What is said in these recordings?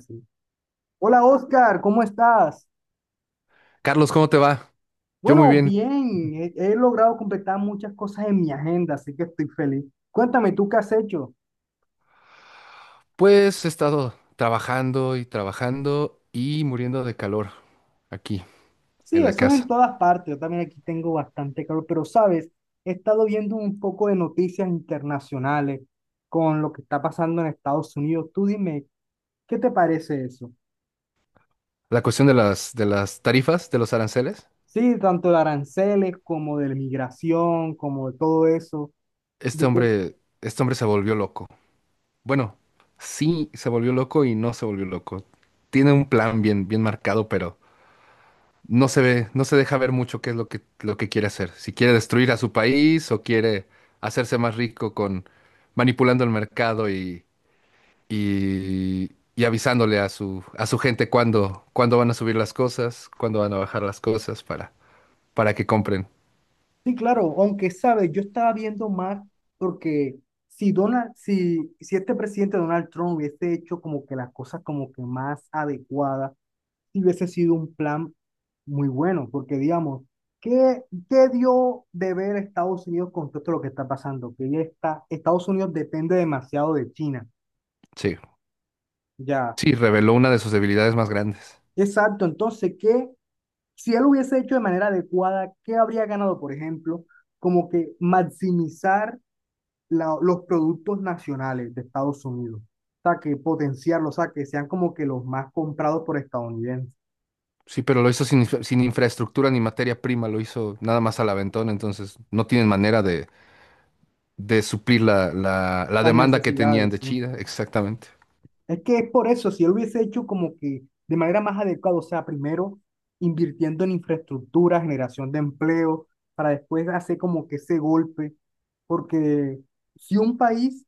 Sí. Hola Oscar, ¿cómo estás? Carlos, ¿cómo te va? Yo muy Bueno, bien. bien, he logrado completar muchas cosas en mi agenda, así que estoy feliz. Cuéntame, ¿tú qué has hecho? Pues he estado trabajando y trabajando y muriendo de calor aquí Sí, en la eso es en casa. todas partes, yo también aquí tengo bastante calor, pero sabes, he estado viendo un poco de noticias internacionales con lo que está pasando en Estados Unidos. Tú dime, ¿qué te parece eso? La cuestión de las tarifas, de los aranceles. Sí, tanto de aranceles como de la migración, como de todo eso. Este hombre se volvió loco. Bueno, sí se volvió loco y no se volvió loco. Tiene un plan bien bien marcado, pero no se ve, no se deja ver mucho qué es lo que quiere hacer. Si quiere destruir a su país o quiere hacerse más rico con manipulando el mercado y avisándole a su gente cuándo, cuándo van a subir las cosas, cuándo van a bajar las cosas para que compren. Sí, claro, aunque sabes, yo estaba viendo más porque si este presidente Donald Trump hubiese hecho como que las cosas como que más adecuadas, sí hubiese sido un plan muy bueno, porque digamos, ¿qué, ¿qué dio de ver Estados Unidos con todo esto lo que está pasando? Que ya está, Estados Unidos depende demasiado de China, Sí, ya. sí, reveló una de sus debilidades más grandes. Exacto, entonces, ¿qué? Si él hubiese hecho de manera adecuada, ¿qué habría ganado, por ejemplo? Como que maximizar los productos nacionales de Estados Unidos. O sea, que potenciarlos, o sea, que sean como que los más comprados por estadounidenses. Sí, pero lo hizo sin, sin infraestructura ni materia prima, lo hizo nada más al aventón, entonces no tienen manera de suplir la, la, la Las demanda que tenían necesidades, de sí. China, exactamente, Es que es por eso, si él hubiese hecho como que de manera más adecuada, o sea, primero invirtiendo en infraestructura, generación de empleo, para después hacer como que ese golpe. Porque si un país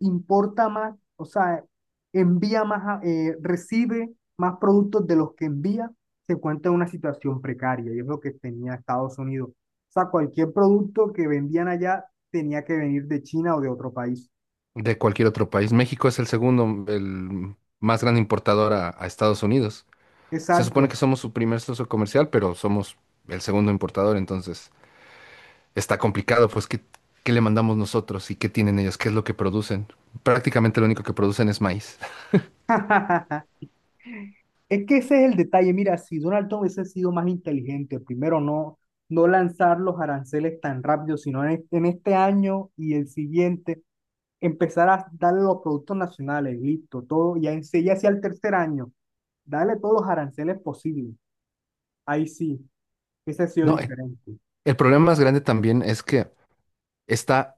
importa más, o sea, envía más, recibe más productos de los que envía, se encuentra en una situación precaria y es lo que tenía Estados Unidos. O sea, cualquier producto que vendían allá tenía que venir de China o de otro país. de cualquier otro país. México es el segundo, el más gran importador a Estados Unidos. Se supone que Exacto. somos su primer socio comercial, pero somos el segundo importador, entonces está complicado, pues, ¿qué, qué le mandamos nosotros y qué tienen ellos? ¿Qué es lo que producen? Prácticamente lo único que producen es maíz. Es que ese es el detalle. Mira, si Donald Trump hubiese sido más inteligente, primero no, no lanzar los aranceles tan rápido, sino en este año y el siguiente, empezar a darle los productos nacionales, listo, todo, ya en sí, ya hacia el tercer año, darle todos los aranceles posibles. Ahí sí, ese ha sido No, diferente. el problema más grande también es que está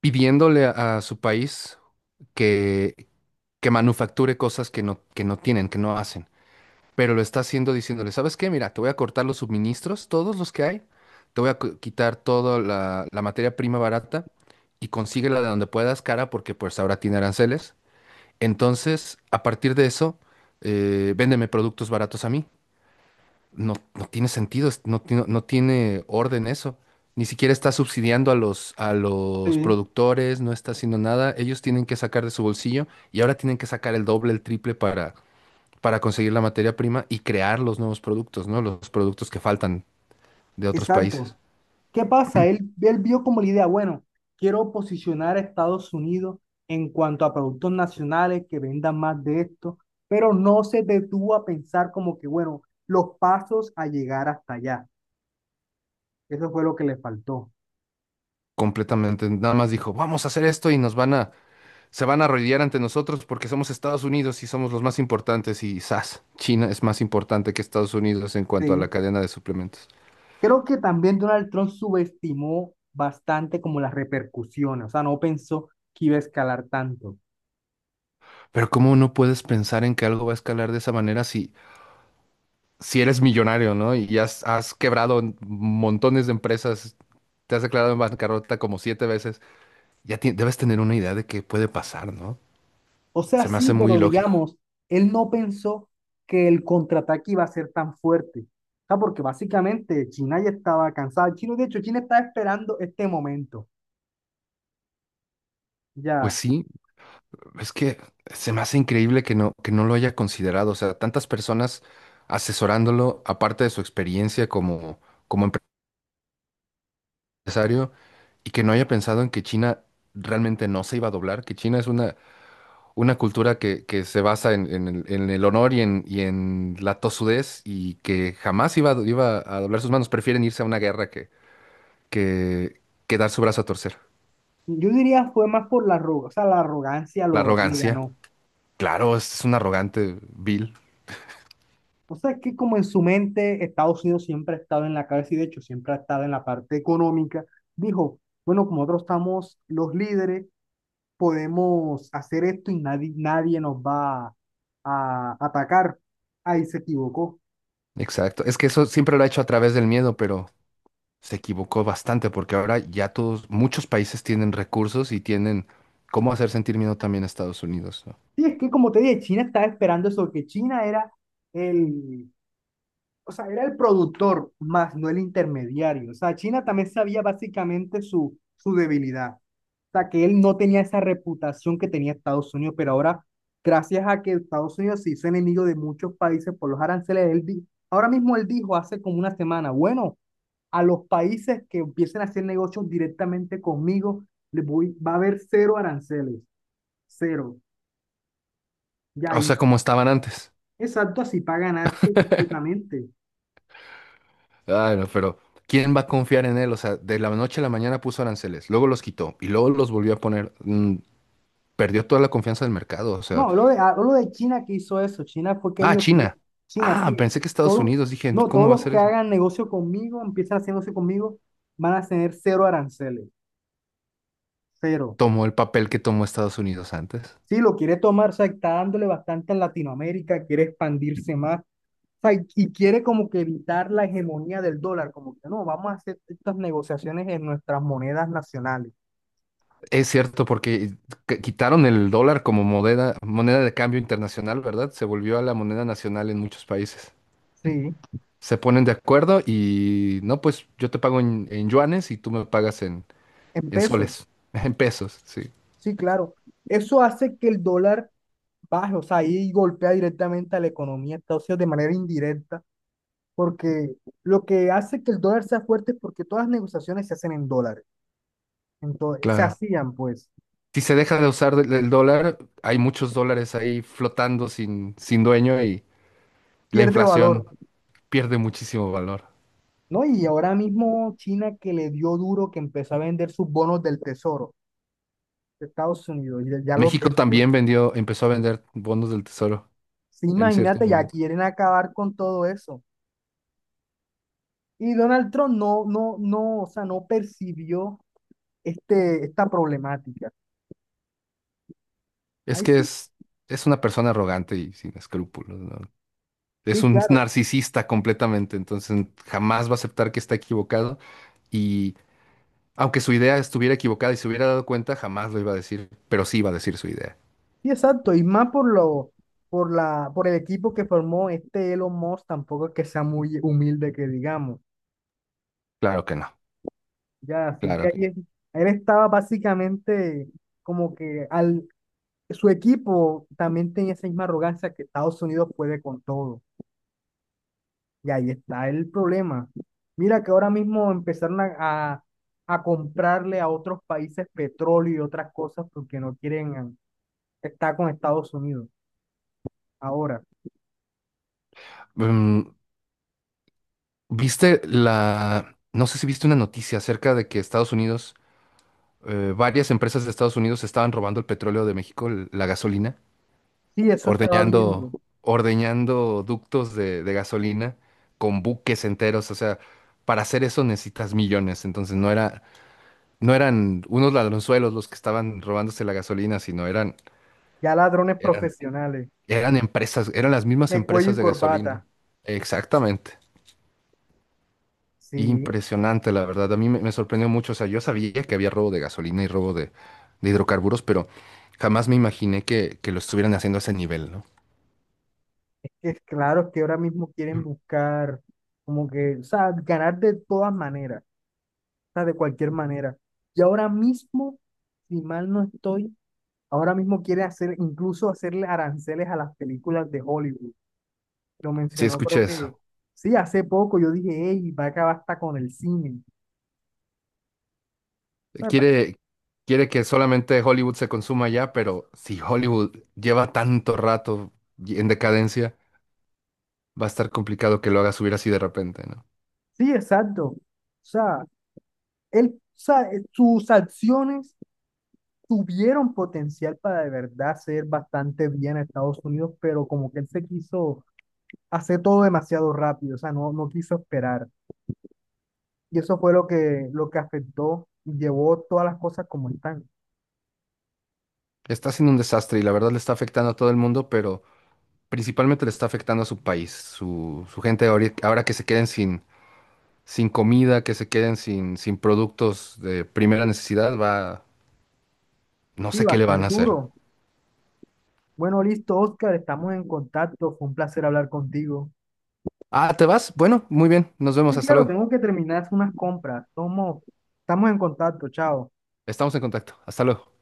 pidiéndole a su país que, que manufacture cosas que no tienen, que no hacen. Pero lo está haciendo diciéndole, ¿sabes qué? Mira, te voy a cortar los suministros, todos los que hay, te voy a quitar toda la, la materia prima barata y consíguela de donde puedas cara porque pues ahora tiene aranceles. Entonces, a partir de eso, véndeme productos baratos a mí. No, no tiene sentido, no, no tiene orden eso. Ni siquiera está subsidiando a los Sí, productores, no está haciendo nada. Ellos tienen que sacar de su bolsillo y ahora tienen que sacar el doble, el triple para conseguir la materia prima y crear los nuevos productos, ¿no? Los productos que faltan de otros exacto. países. ¿Qué pasa? Él vio como la idea, bueno, quiero posicionar a Estados Unidos en cuanto a productos nacionales que vendan más de esto, pero no se detuvo a pensar como que, bueno, los pasos a llegar hasta allá. Eso fue lo que le faltó. Completamente, nada más dijo, vamos a hacer esto y nos van a, se van a arrodillar ante nosotros porque somos Estados Unidos y somos los más importantes y ¡zas! China es más importante que Estados Unidos en cuanto a la Sí. cadena de suplementos. Creo que también Donald Trump subestimó bastante como las repercusiones, o sea, no pensó que iba a escalar tanto. Pero ¿cómo no puedes pensar en que algo va a escalar de esa manera si, si eres millonario, ¿no? Y has, has quebrado montones de empresas, te has declarado en bancarrota como siete veces. Ya debes tener una idea de qué puede pasar, ¿no? O sea, Se me sí, hace muy pero ilógico. digamos, él no pensó que el contraataque iba a ser tan fuerte. O sea, porque básicamente China ya estaba cansada. China, de hecho, China estaba esperando este momento. Pues Ya, sí, es que se me hace increíble que no lo haya considerado. O sea, tantas personas asesorándolo, aparte de su experiencia como, como empresario, y que no haya pensado en que China realmente no se iba a doblar, que China es una cultura que se basa en el honor y en la tozudez y que jamás iba, a iba a doblar sus manos. Prefieren irse a una guerra que, que dar su brazo a torcer. yo diría fue más por o sea, la arrogancia La lo le arrogancia, ganó. claro, es un arrogante, vil. O sea, es que como en su mente Estados Unidos siempre ha estado en la cabeza y de hecho siempre ha estado en la parte económica, dijo, bueno, como nosotros estamos los líderes, podemos hacer esto y nadie, nadie nos va a atacar. Ahí se equivocó. Exacto. Es que eso siempre lo ha hecho a través del miedo, pero se equivocó bastante porque ahora ya todos, muchos países tienen recursos y tienen cómo hacer sentir miedo también a Estados Unidos, ¿no? Sí, es que como te dije, China estaba esperando eso, que China era el, o sea, era el productor más, no el intermediario. O sea, China también sabía básicamente su debilidad. Sea, que él no tenía esa reputación que tenía Estados Unidos, pero ahora, gracias a que Estados Unidos se hizo enemigo de muchos países por los aranceles, ahora mismo él dijo hace como una semana, bueno, a los países que empiecen a hacer negocios directamente conmigo, les voy, va a haber cero aranceles, cero. Ya O ahí, sea, como estaban antes. exacto, así para ganarse completamente. Ay, no, pero ¿quién va a confiar en él? O sea, de la noche a la mañana puso aranceles, luego los quitó y luego los volvió a poner. Perdió toda la confianza del mercado. O No, sea, hablo de China que hizo eso. China fue que ah, dijo que "Bueno, China. China, Ah, sí, pensé que Estados todos, Unidos. Dije, no, ¿cómo todos va a los ser que eso? hagan negocio conmigo, empiezan a hacer negocio conmigo, van a tener cero aranceles, cero". Tomó el papel que tomó Estados Unidos antes. Sí, lo quiere tomar, o sea, está dándole bastante en Latinoamérica, quiere expandirse más, o sea, y quiere como que evitar la hegemonía del dólar, como que no, vamos a hacer estas negociaciones en nuestras monedas nacionales, Es cierto, porque quitaron el dólar como moneda, moneda de cambio internacional, ¿verdad? Se volvió a la moneda nacional en muchos países. sí, Se ponen de acuerdo y no, pues yo te pago en yuanes y tú me pagas en en pesos, soles, en pesos, sí, sí, claro. Eso hace que el dólar baje, o sea, ahí golpea directamente a la economía de Estados Unidos de manera indirecta, porque lo que hace que el dólar sea fuerte es porque todas las negociaciones se hacen en dólares, entonces se claro. hacían pues, Si se deja de usar el dólar, hay muchos dólares ahí flotando sin, sin dueño y la pierde inflación valor, pierde muchísimo valor. ¿no? Y ahora mismo China que le dio duro, que empezó a vender sus bonos del tesoro de Estados Unidos y ya los México vendió. también vendió, empezó a vender bonos del tesoro Sí, en cierto imagínate, ya momento. quieren acabar con todo eso. Y Donald Trump no, no, no, o sea, no percibió esta problemática. Es Ahí que sí, es una persona arrogante y sin escrúpulos, ¿no? Es sí, un claro. narcisista completamente, entonces jamás va a aceptar que está equivocado y aunque su idea estuviera equivocada y se hubiera dado cuenta, jamás lo iba a decir, pero sí iba a decir su idea. Sí, exacto, y más por por el equipo que formó este Elon Musk, tampoco es que sea muy humilde que digamos. Claro que no, Ya, así que claro ahí que es- él estaba básicamente como que al, su equipo también tenía esa misma arrogancia que Estados Unidos puede con todo. Y ahí está el problema. Mira que ahora mismo empezaron a, a comprarle a otros países petróleo y otras cosas porque no quieren estar con Estados Unidos. Ahora, no. Mm, ¿viste la... No sé si viste una noticia acerca de que Estados Unidos, varias empresas de Estados Unidos estaban robando el petróleo de México, la gasolina? sí, eso estaba viendo. Ordeñando, ordeñando ductos de gasolina con buques enteros. O sea, para hacer eso necesitas millones. Entonces no era, no eran unos ladronzuelos los que estaban robándose la gasolina, sino eran, Ya ladrones eran, profesionales, eran empresas, eran las mismas de cuello empresas y de gasolina. corbata. Exactamente. Sí, Impresionante, la verdad. A mí me, me sorprendió mucho. O sea, yo sabía que había robo de gasolina y robo de hidrocarburos, pero jamás me imaginé que lo estuvieran haciendo a ese nivel, ¿no? es claro que ahora mismo quieren Mm. buscar como que, o sea, ganar de todas maneras, o sea, de cualquier manera. Y ahora mismo, si mal no estoy, ahora mismo quiere hacer, incluso hacerle aranceles a las películas de Hollywood. Lo Sí, mencionó, escuché creo que, eso. sí, hace poco yo dije, hey, va a acabar hasta con el cine. O sea, pa- Quiere, quiere que solamente Hollywood se consuma ya, pero si Hollywood lleva tanto rato en decadencia, va a estar complicado que lo haga subir así de repente, ¿no? sí, exacto. O sea, él, o sea, sus acciones tuvieron potencial para de verdad ser bastante bien a Estados Unidos, pero como que él se quiso hacer todo demasiado rápido, o sea, no, no quiso esperar. Y eso fue lo que afectó, llevó todas las cosas como están. Está siendo un desastre y la verdad le está afectando a todo el mundo, pero principalmente le está afectando a su país, su gente ahora que se queden sin, sin comida, que se queden sin, sin productos de primera necesidad, va, no Sí, sé va qué a le van ser a hacer. duro. Bueno, listo, Oscar, estamos en contacto, fue un placer hablar contigo. Ah, ¿te vas? Bueno, muy bien, nos Sí, vemos, hasta claro, luego. tengo que terminar unas compras. Somos, estamos en contacto, chao. Estamos en contacto, hasta luego.